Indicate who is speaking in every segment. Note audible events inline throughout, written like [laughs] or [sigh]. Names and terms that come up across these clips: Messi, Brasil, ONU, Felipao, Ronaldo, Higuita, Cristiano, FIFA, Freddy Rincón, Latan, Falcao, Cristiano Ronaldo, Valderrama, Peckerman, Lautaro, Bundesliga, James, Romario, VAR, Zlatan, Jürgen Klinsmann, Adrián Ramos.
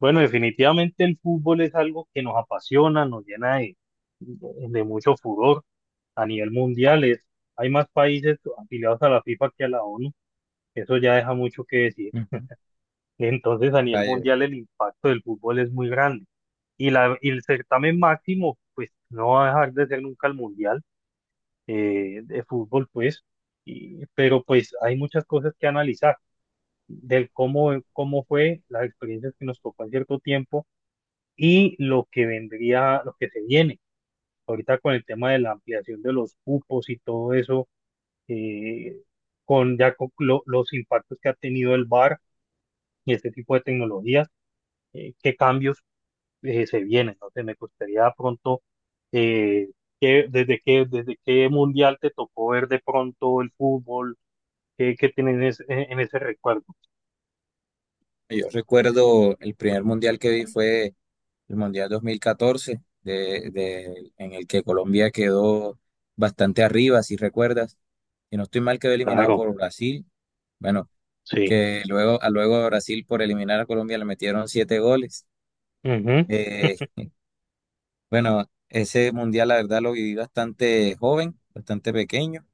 Speaker 1: Bueno, definitivamente el fútbol es algo que nos apasiona, nos llena de mucho furor a nivel mundial. Hay más países afiliados a la FIFA que a la ONU. Eso ya deja mucho que decir.
Speaker 2: Ujú.
Speaker 1: Entonces, a nivel
Speaker 2: Vaya,
Speaker 1: mundial el impacto del fútbol es muy grande. Y el certamen máximo, pues no va a dejar de ser nunca el mundial de fútbol, pues. Pero pues hay muchas cosas que analizar del cómo fue las experiencias que nos tocó en cierto tiempo y lo que vendría, lo que se viene ahorita con el tema de la ampliación de los cupos y todo eso, eh, con los impactos que ha tenido el VAR y este tipo de tecnologías, qué cambios se vienen. No Entonces me gustaría pronto, eh, desde qué mundial te tocó ver de pronto el fútbol, qué tienes en ese recuerdo.
Speaker 2: yo recuerdo el primer mundial que vi fue el Mundial 2014 en el que Colombia quedó bastante arriba, si recuerdas. Y no estoy mal, quedó eliminado
Speaker 1: Claro,
Speaker 2: por Brasil. Bueno,
Speaker 1: sí.
Speaker 2: que luego, a Brasil por eliminar a Colombia le metieron siete goles.
Speaker 1: Ujú,
Speaker 2: Eh, bueno, ese mundial la verdad lo viví bastante joven, bastante pequeño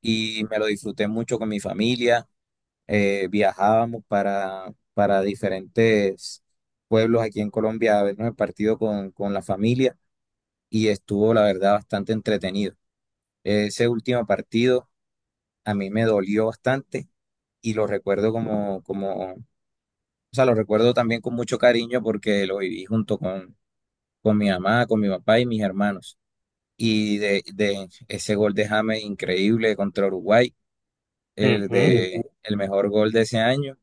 Speaker 2: y me lo disfruté mucho con mi familia. Viajábamos para diferentes pueblos aquí en Colombia a vernos el partido con la familia y estuvo, la verdad, bastante entretenido. Ese último partido a mí me dolió bastante y lo recuerdo o sea, lo recuerdo también con mucho cariño porque lo viví junto con mi mamá, con mi papá y mis hermanos. Y de ese gol de James increíble contra Uruguay, el sí,
Speaker 1: ujú.
Speaker 2: de el mejor gol de ese año.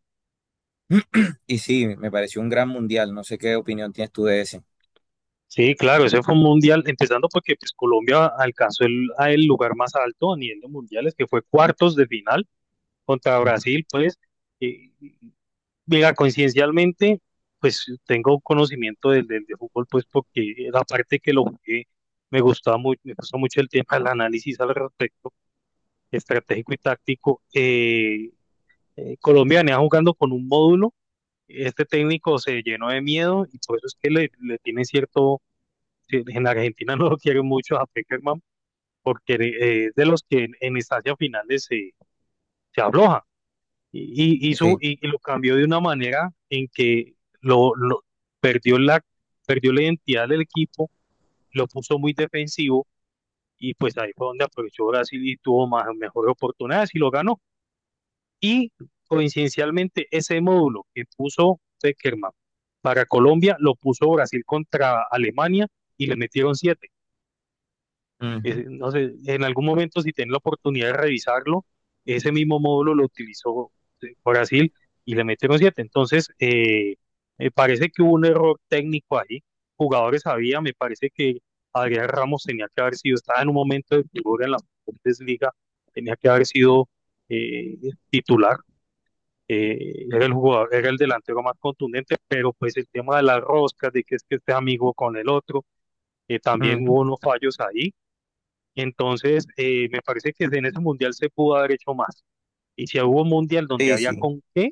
Speaker 2: Y sí, me pareció un gran mundial. No sé qué opinión tienes tú de ese.
Speaker 1: Sí, claro, ese fue un mundial, empezando porque pues, Colombia alcanzó el lugar más alto a nivel de mundiales, que fue cuartos de final contra
Speaker 2: Ujú.
Speaker 1: Brasil, pues, eh, mira, coincidencialmente, pues tengo conocimiento del de fútbol, pues, porque la parte que lo jugué me gustó mucho el tema del análisis al respecto, estratégico y táctico. Colombia venía jugando con un módulo, este técnico se llenó de miedo y por eso es que le tiene cierto sí, en Argentina [laughs] no lo quieren mucho a Peckerman porque es de los que en instancias finales se afloja y hizo,
Speaker 2: Sí.
Speaker 1: y lo cambió de una manera en que lo perdió la, perdió la identidad del equipo, lo puso muy defensivo y pues ahí fue donde aprovechó Brasil y tuvo más, mejores oportunidades y lo ganó. Y coincidencialmente ese módulo que puso Peckerman para Colombia lo puso Brasil contra Alemania y le metieron siete.
Speaker 2: Ujú.
Speaker 1: Ese, no sé, en algún momento si tienen la oportunidad de revisarlo, ese mismo módulo lo utilizó Brasil y le metieron siete. Entonces, me parece que hubo un error técnico ahí. Jugadores había, me parece que Adrián Ramos tenía que haber sido, estaba en un momento de figura en la Bundesliga, tenía que haber sido eh, titular. Era el jugador, era el delantero más contundente, pero pues el tema de las roscas, de que es que este amigo con el otro, también hubo unos fallos ahí. Entonces, me parece que en ese mundial se pudo haber hecho más. Y si hubo un mundial donde
Speaker 2: Sí,
Speaker 1: había
Speaker 2: sí,
Speaker 1: con qué,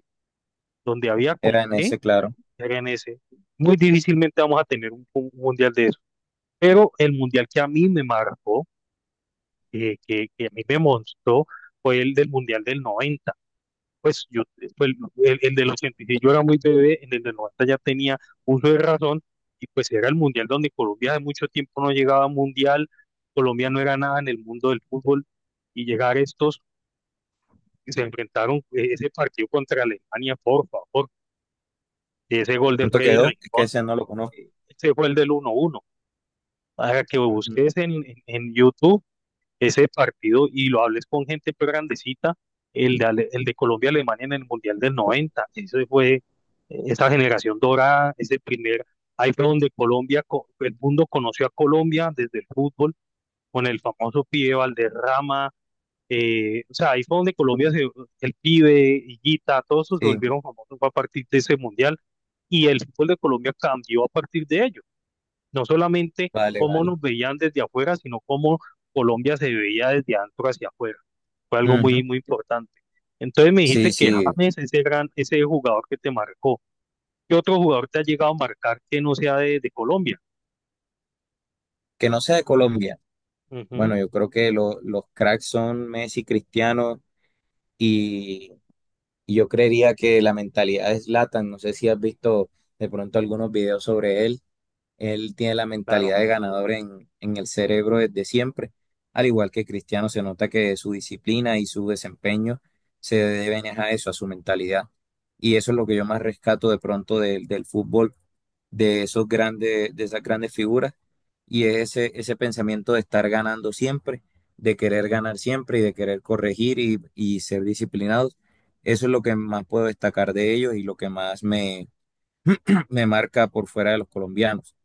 Speaker 1: donde había con
Speaker 2: era en
Speaker 1: qué,
Speaker 2: ese, claro.
Speaker 1: era en ese. Muy difícilmente vamos a tener un mundial de eso. Pero el mundial que a mí me marcó, que a mí me mostró, fue el del mundial del 90. Pues yo, fue el del 80, y yo era muy bebé, en el del 90 ya tenía uso de razón, y pues era el mundial donde Colombia de mucho tiempo no llegaba a mundial, Colombia no era nada en el mundo del fútbol, y llegar estos se enfrentaron ese partido contra Alemania, por favor, ese gol de
Speaker 2: ¿Cuánto
Speaker 1: Freddy
Speaker 2: quedó? Es que
Speaker 1: Rincón,
Speaker 2: ese no lo conozco.
Speaker 1: ese fue el del 1-1, para que
Speaker 2: Ujú.
Speaker 1: busques en YouTube ese partido y lo hables con gente pero grandecita, el de Colombia-Alemania en el Mundial del 90, ese fue esa generación dorada, ahí fue donde el mundo conoció a Colombia desde el fútbol, con el famoso pibe Valderrama. O sea, ahí fue donde el Pibe, Higuita, todos esos se
Speaker 2: Sí,
Speaker 1: volvieron famosos a partir de ese mundial y el fútbol de Colombia cambió a partir de ello. No solamente
Speaker 2: vale,
Speaker 1: cómo
Speaker 2: vale.
Speaker 1: nos veían desde afuera, sino cómo Colombia se veía desde adentro hacia afuera. Fue algo muy,
Speaker 2: Ujú.
Speaker 1: muy importante. Entonces me dijiste
Speaker 2: Sí,
Speaker 1: que
Speaker 2: sí,
Speaker 1: James, ese jugador que te marcó, ¿qué otro jugador te ha llegado a marcar que no sea de Colombia?
Speaker 2: que no sea de Colombia.
Speaker 1: Ujú,
Speaker 2: Bueno, yo creo que los cracks son Messi, Cristiano y, y yo creería que la mentalidad es Zlatan. No sé si has visto de pronto algunos videos sobre él. Él tiene la
Speaker 1: claro.
Speaker 2: mentalidad de ganador en el cerebro desde siempre. Al igual que Cristiano, se nota que su disciplina y su desempeño se deben a eso, a su mentalidad. Y eso es lo que yo más rescato de pronto del fútbol, de esos grandes, de esas grandes figuras, y es ese pensamiento de estar ganando siempre, de querer ganar siempre y de querer corregir y ser disciplinados. Eso es lo que más puedo destacar de ellos y lo que más me marca por fuera de los colombianos.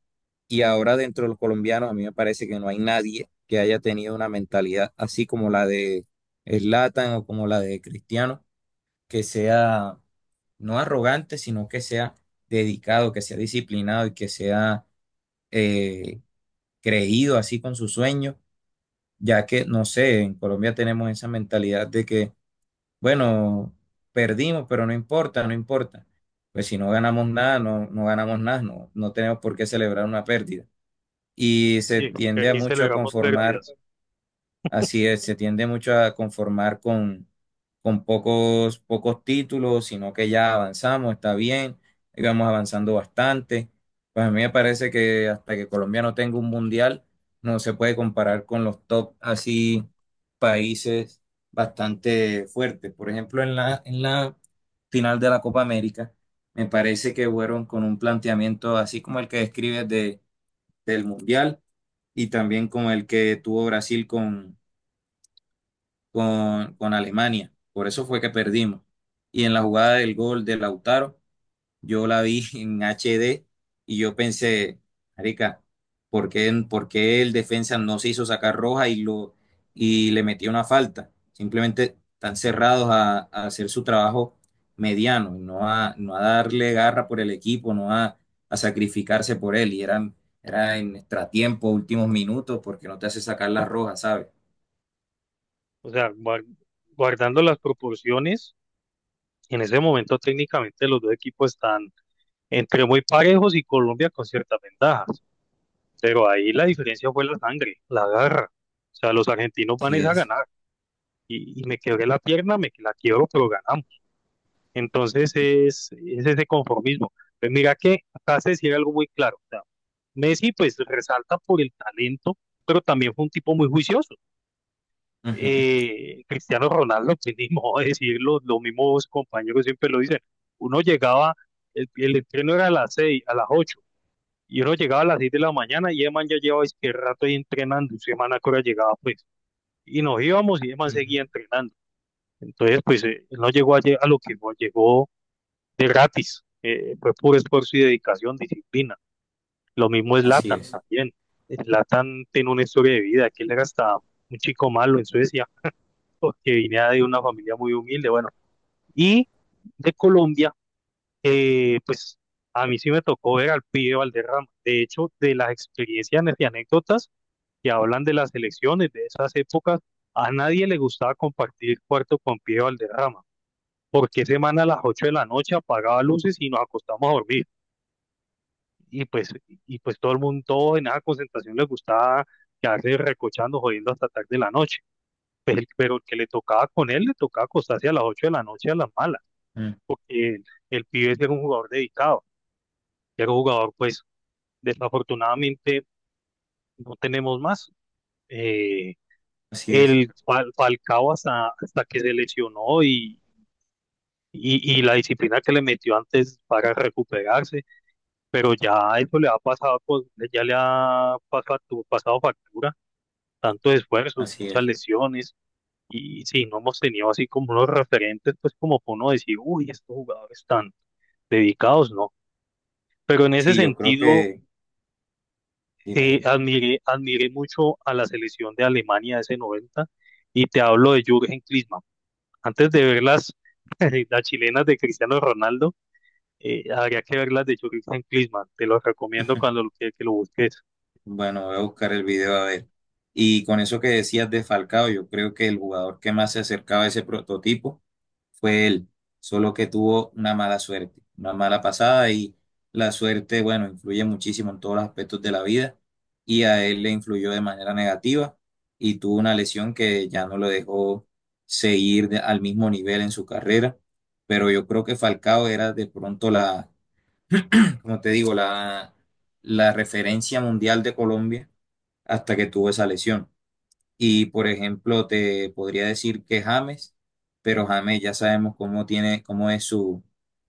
Speaker 2: Y ahora dentro de los colombianos, a mí me parece que no hay nadie que haya tenido una mentalidad así como la de Zlatan o como la de Cristiano, que sea no arrogante, sino que sea dedicado, que sea disciplinado y que sea eh, creído así con sus sueños, ya que, no sé, en Colombia tenemos esa mentalidad de que, bueno, perdimos, pero no importa, no importa. Pues si no ganamos nada, no ganamos nada, no tenemos por qué celebrar una pérdida y se
Speaker 1: Sí, porque
Speaker 2: tiende a
Speaker 1: aquí
Speaker 2: mucho a
Speaker 1: celebramos
Speaker 2: conformar,
Speaker 1: pérdidas.
Speaker 2: así es, se tiende mucho a conformar con pocos, pocos títulos, sino que ya avanzamos, está bien, íbamos avanzando bastante. Pues a mí me parece que hasta que Colombia no tenga un mundial, no se puede comparar con los top así países bastante fuertes. Por ejemplo, en la final de la Copa América, me parece que fueron con un planteamiento así como el que describes del mundial y también con el que tuvo Brasil con Alemania. Por eso fue que perdimos. Y en la jugada del gol de Lautaro, yo la vi en HD y yo pensé, marica, ¿por qué el defensa no se hizo sacar roja y le metió una falta? Simplemente están cerrados a hacer su trabajo mediano, no a darle garra por el equipo, no a, a sacrificarse por él. Era en extratiempo, últimos minutos, porque no te hace sacar la roja, ¿sabes?
Speaker 1: O sea, guardando las proporciones. En ese momento técnicamente los dos equipos están entre muy parejos y Colombia con ciertas ventajas, pero ahí la diferencia fue la sangre, la garra. O sea, los argentinos van
Speaker 2: Así
Speaker 1: es a
Speaker 2: es.
Speaker 1: ganar y me quebré la pierna, me la quiebro, pero ganamos. Entonces es ese conformismo. Pues mira que acá se decía algo muy claro. O sea, Messi pues resalta por el talento, pero también fue un tipo muy juicioso.
Speaker 2: Ujú.
Speaker 1: Cristiano Ronaldo, que ni modo de decirlo, los mismos compañeros siempre lo dicen, uno llegaba, el entreno era a las seis, a las ocho, y uno llegaba a las seis de la mañana y Eman ya llevaba es que rato ahí entrenando, y semana que hora llegaba pues, y nos íbamos y Eman seguía entrenando, entonces pues él no llegó a lo que no llegó de gratis, fue puro esfuerzo y dedicación, disciplina, lo mismo es
Speaker 2: Así
Speaker 1: Latan
Speaker 2: es.
Speaker 1: también. Latan tiene una historia de vida, que él era hasta un chico malo en Suecia, porque vine de una familia muy humilde, bueno, y de Colombia, pues a mí sí me tocó ver al pibe Valderrama. De hecho, de las experiencias y anécdotas que hablan de las elecciones de esas épocas, a nadie le gustaba compartir cuarto con pibe Valderrama, porque semana a las 8 de la noche apagaba luces y nos acostamos a dormir. Y pues, y pues todo el mundo, todos en esa concentración les gustaba quedarse recochando, jodiendo hasta tarde de la noche. Pero el que le tocaba con él, le tocaba acostarse a las 8 de la noche a las malas,
Speaker 2: Mm.
Speaker 1: porque el pibe era un jugador dedicado, era un jugador, pues, desafortunadamente no tenemos más. Eh,
Speaker 2: Así es.
Speaker 1: el Falcao hasta que se lesionó y la disciplina que le metió antes para recuperarse, pero ya eso le ha pasado, pues, ya le ha pasado, pasado factura, tanto esfuerzos,
Speaker 2: Así
Speaker 1: muchas
Speaker 2: es.
Speaker 1: lesiones, y sí, no hemos tenido así como unos referentes, pues como para uno decir, uy, estos jugadores están dedicados, ¿no? Pero en ese
Speaker 2: Sí, yo creo
Speaker 1: sentido,
Speaker 2: que... Dime, dime.
Speaker 1: admiré mucho a la selección de Alemania de ese 90 y te hablo de Jürgen Klinsmann. Antes de ver las, [laughs] las chilenas de Cristiano Ronaldo, habría que ver las de Jürgen Klinsmann. Te lo recomiendo que lo busques.
Speaker 2: Bueno, voy a buscar el video a ver. Y con eso que decías de Falcao, yo creo que el jugador que más se acercaba a ese prototipo fue él, solo que tuvo una mala suerte, una mala pasada y la suerte, bueno, influye muchísimo en todos los aspectos de la vida y a él le influyó de manera negativa y tuvo una lesión que ya no lo dejó seguir al mismo nivel en su carrera, pero yo creo que Falcao era de pronto como te digo, la referencia mundial de Colombia hasta que tuvo esa lesión. Y por ejemplo, te podría decir que James, pero James ya sabemos cómo tiene, cómo es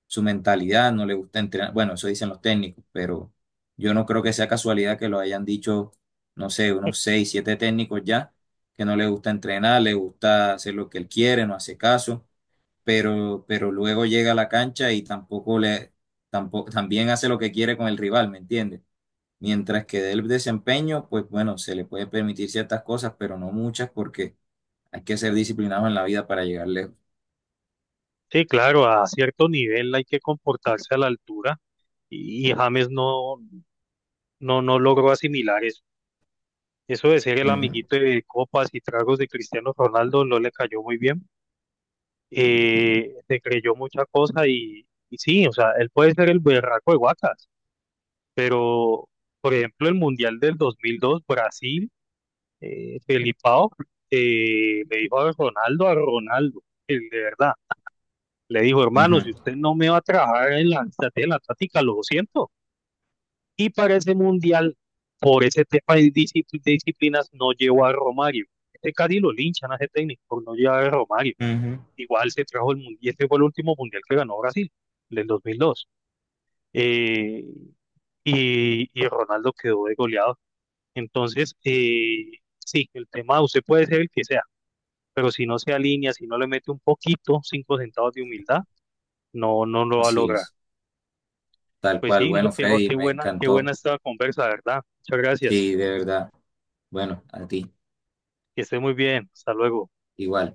Speaker 2: su mentalidad, no le gusta entrenar. Bueno, eso dicen los técnicos, pero yo no creo que sea casualidad que lo hayan dicho, no sé, unos seis, siete técnicos ya, que no le gusta entrenar, le gusta hacer lo que él quiere, no hace caso, pero luego llega a la cancha y tampoco le, tampoco, también hace lo que quiere con el rival, ¿me entiendes? Mientras que del desempeño, pues bueno, se le puede permitir ciertas cosas, pero no muchas porque hay que ser disciplinado en la vida para llegar lejos.
Speaker 1: Sí, claro, a cierto nivel hay que comportarse a la altura y James no logró asimilar eso. Eso de ser el
Speaker 2: Ujú,
Speaker 1: amiguito de copas y tragos de Cristiano Ronaldo no le cayó muy bien. Se creyó mucha cosa y sí, o sea, él puede ser el berraco de Guacas, pero por ejemplo, el Mundial del 2002, Brasil, Felipao le dijo a Ronaldo, el de verdad, le dijo, hermano,
Speaker 2: ujú,
Speaker 1: si usted no me va a trabajar en la estrategia de la táctica, lo siento. Y para ese Mundial, por ese tema de de disciplinas, no llevó a Romario. Este casi lo linchan a ese técnico por no llevar a Romario.
Speaker 2: ujú.
Speaker 1: Igual se trajo el mundial, este fue el último mundial que ganó Brasil, del 2002. Eh, y Ronaldo quedó de goleado. Entonces, sí, el tema, usted puede ser el que sea, pero si no se alinea, si no le mete un poquito, 5 centavos de humildad, no lo va a
Speaker 2: Así
Speaker 1: lograr.
Speaker 2: es, tal
Speaker 1: Pues
Speaker 2: cual.
Speaker 1: sí, no,
Speaker 2: Bueno, Freddy, me
Speaker 1: qué buena
Speaker 2: encantó.
Speaker 1: esta conversa, ¿verdad? Muchas gracias.
Speaker 2: Sí, de verdad. Bueno, a ti,
Speaker 1: Que esté muy bien. Hasta luego.
Speaker 2: igual.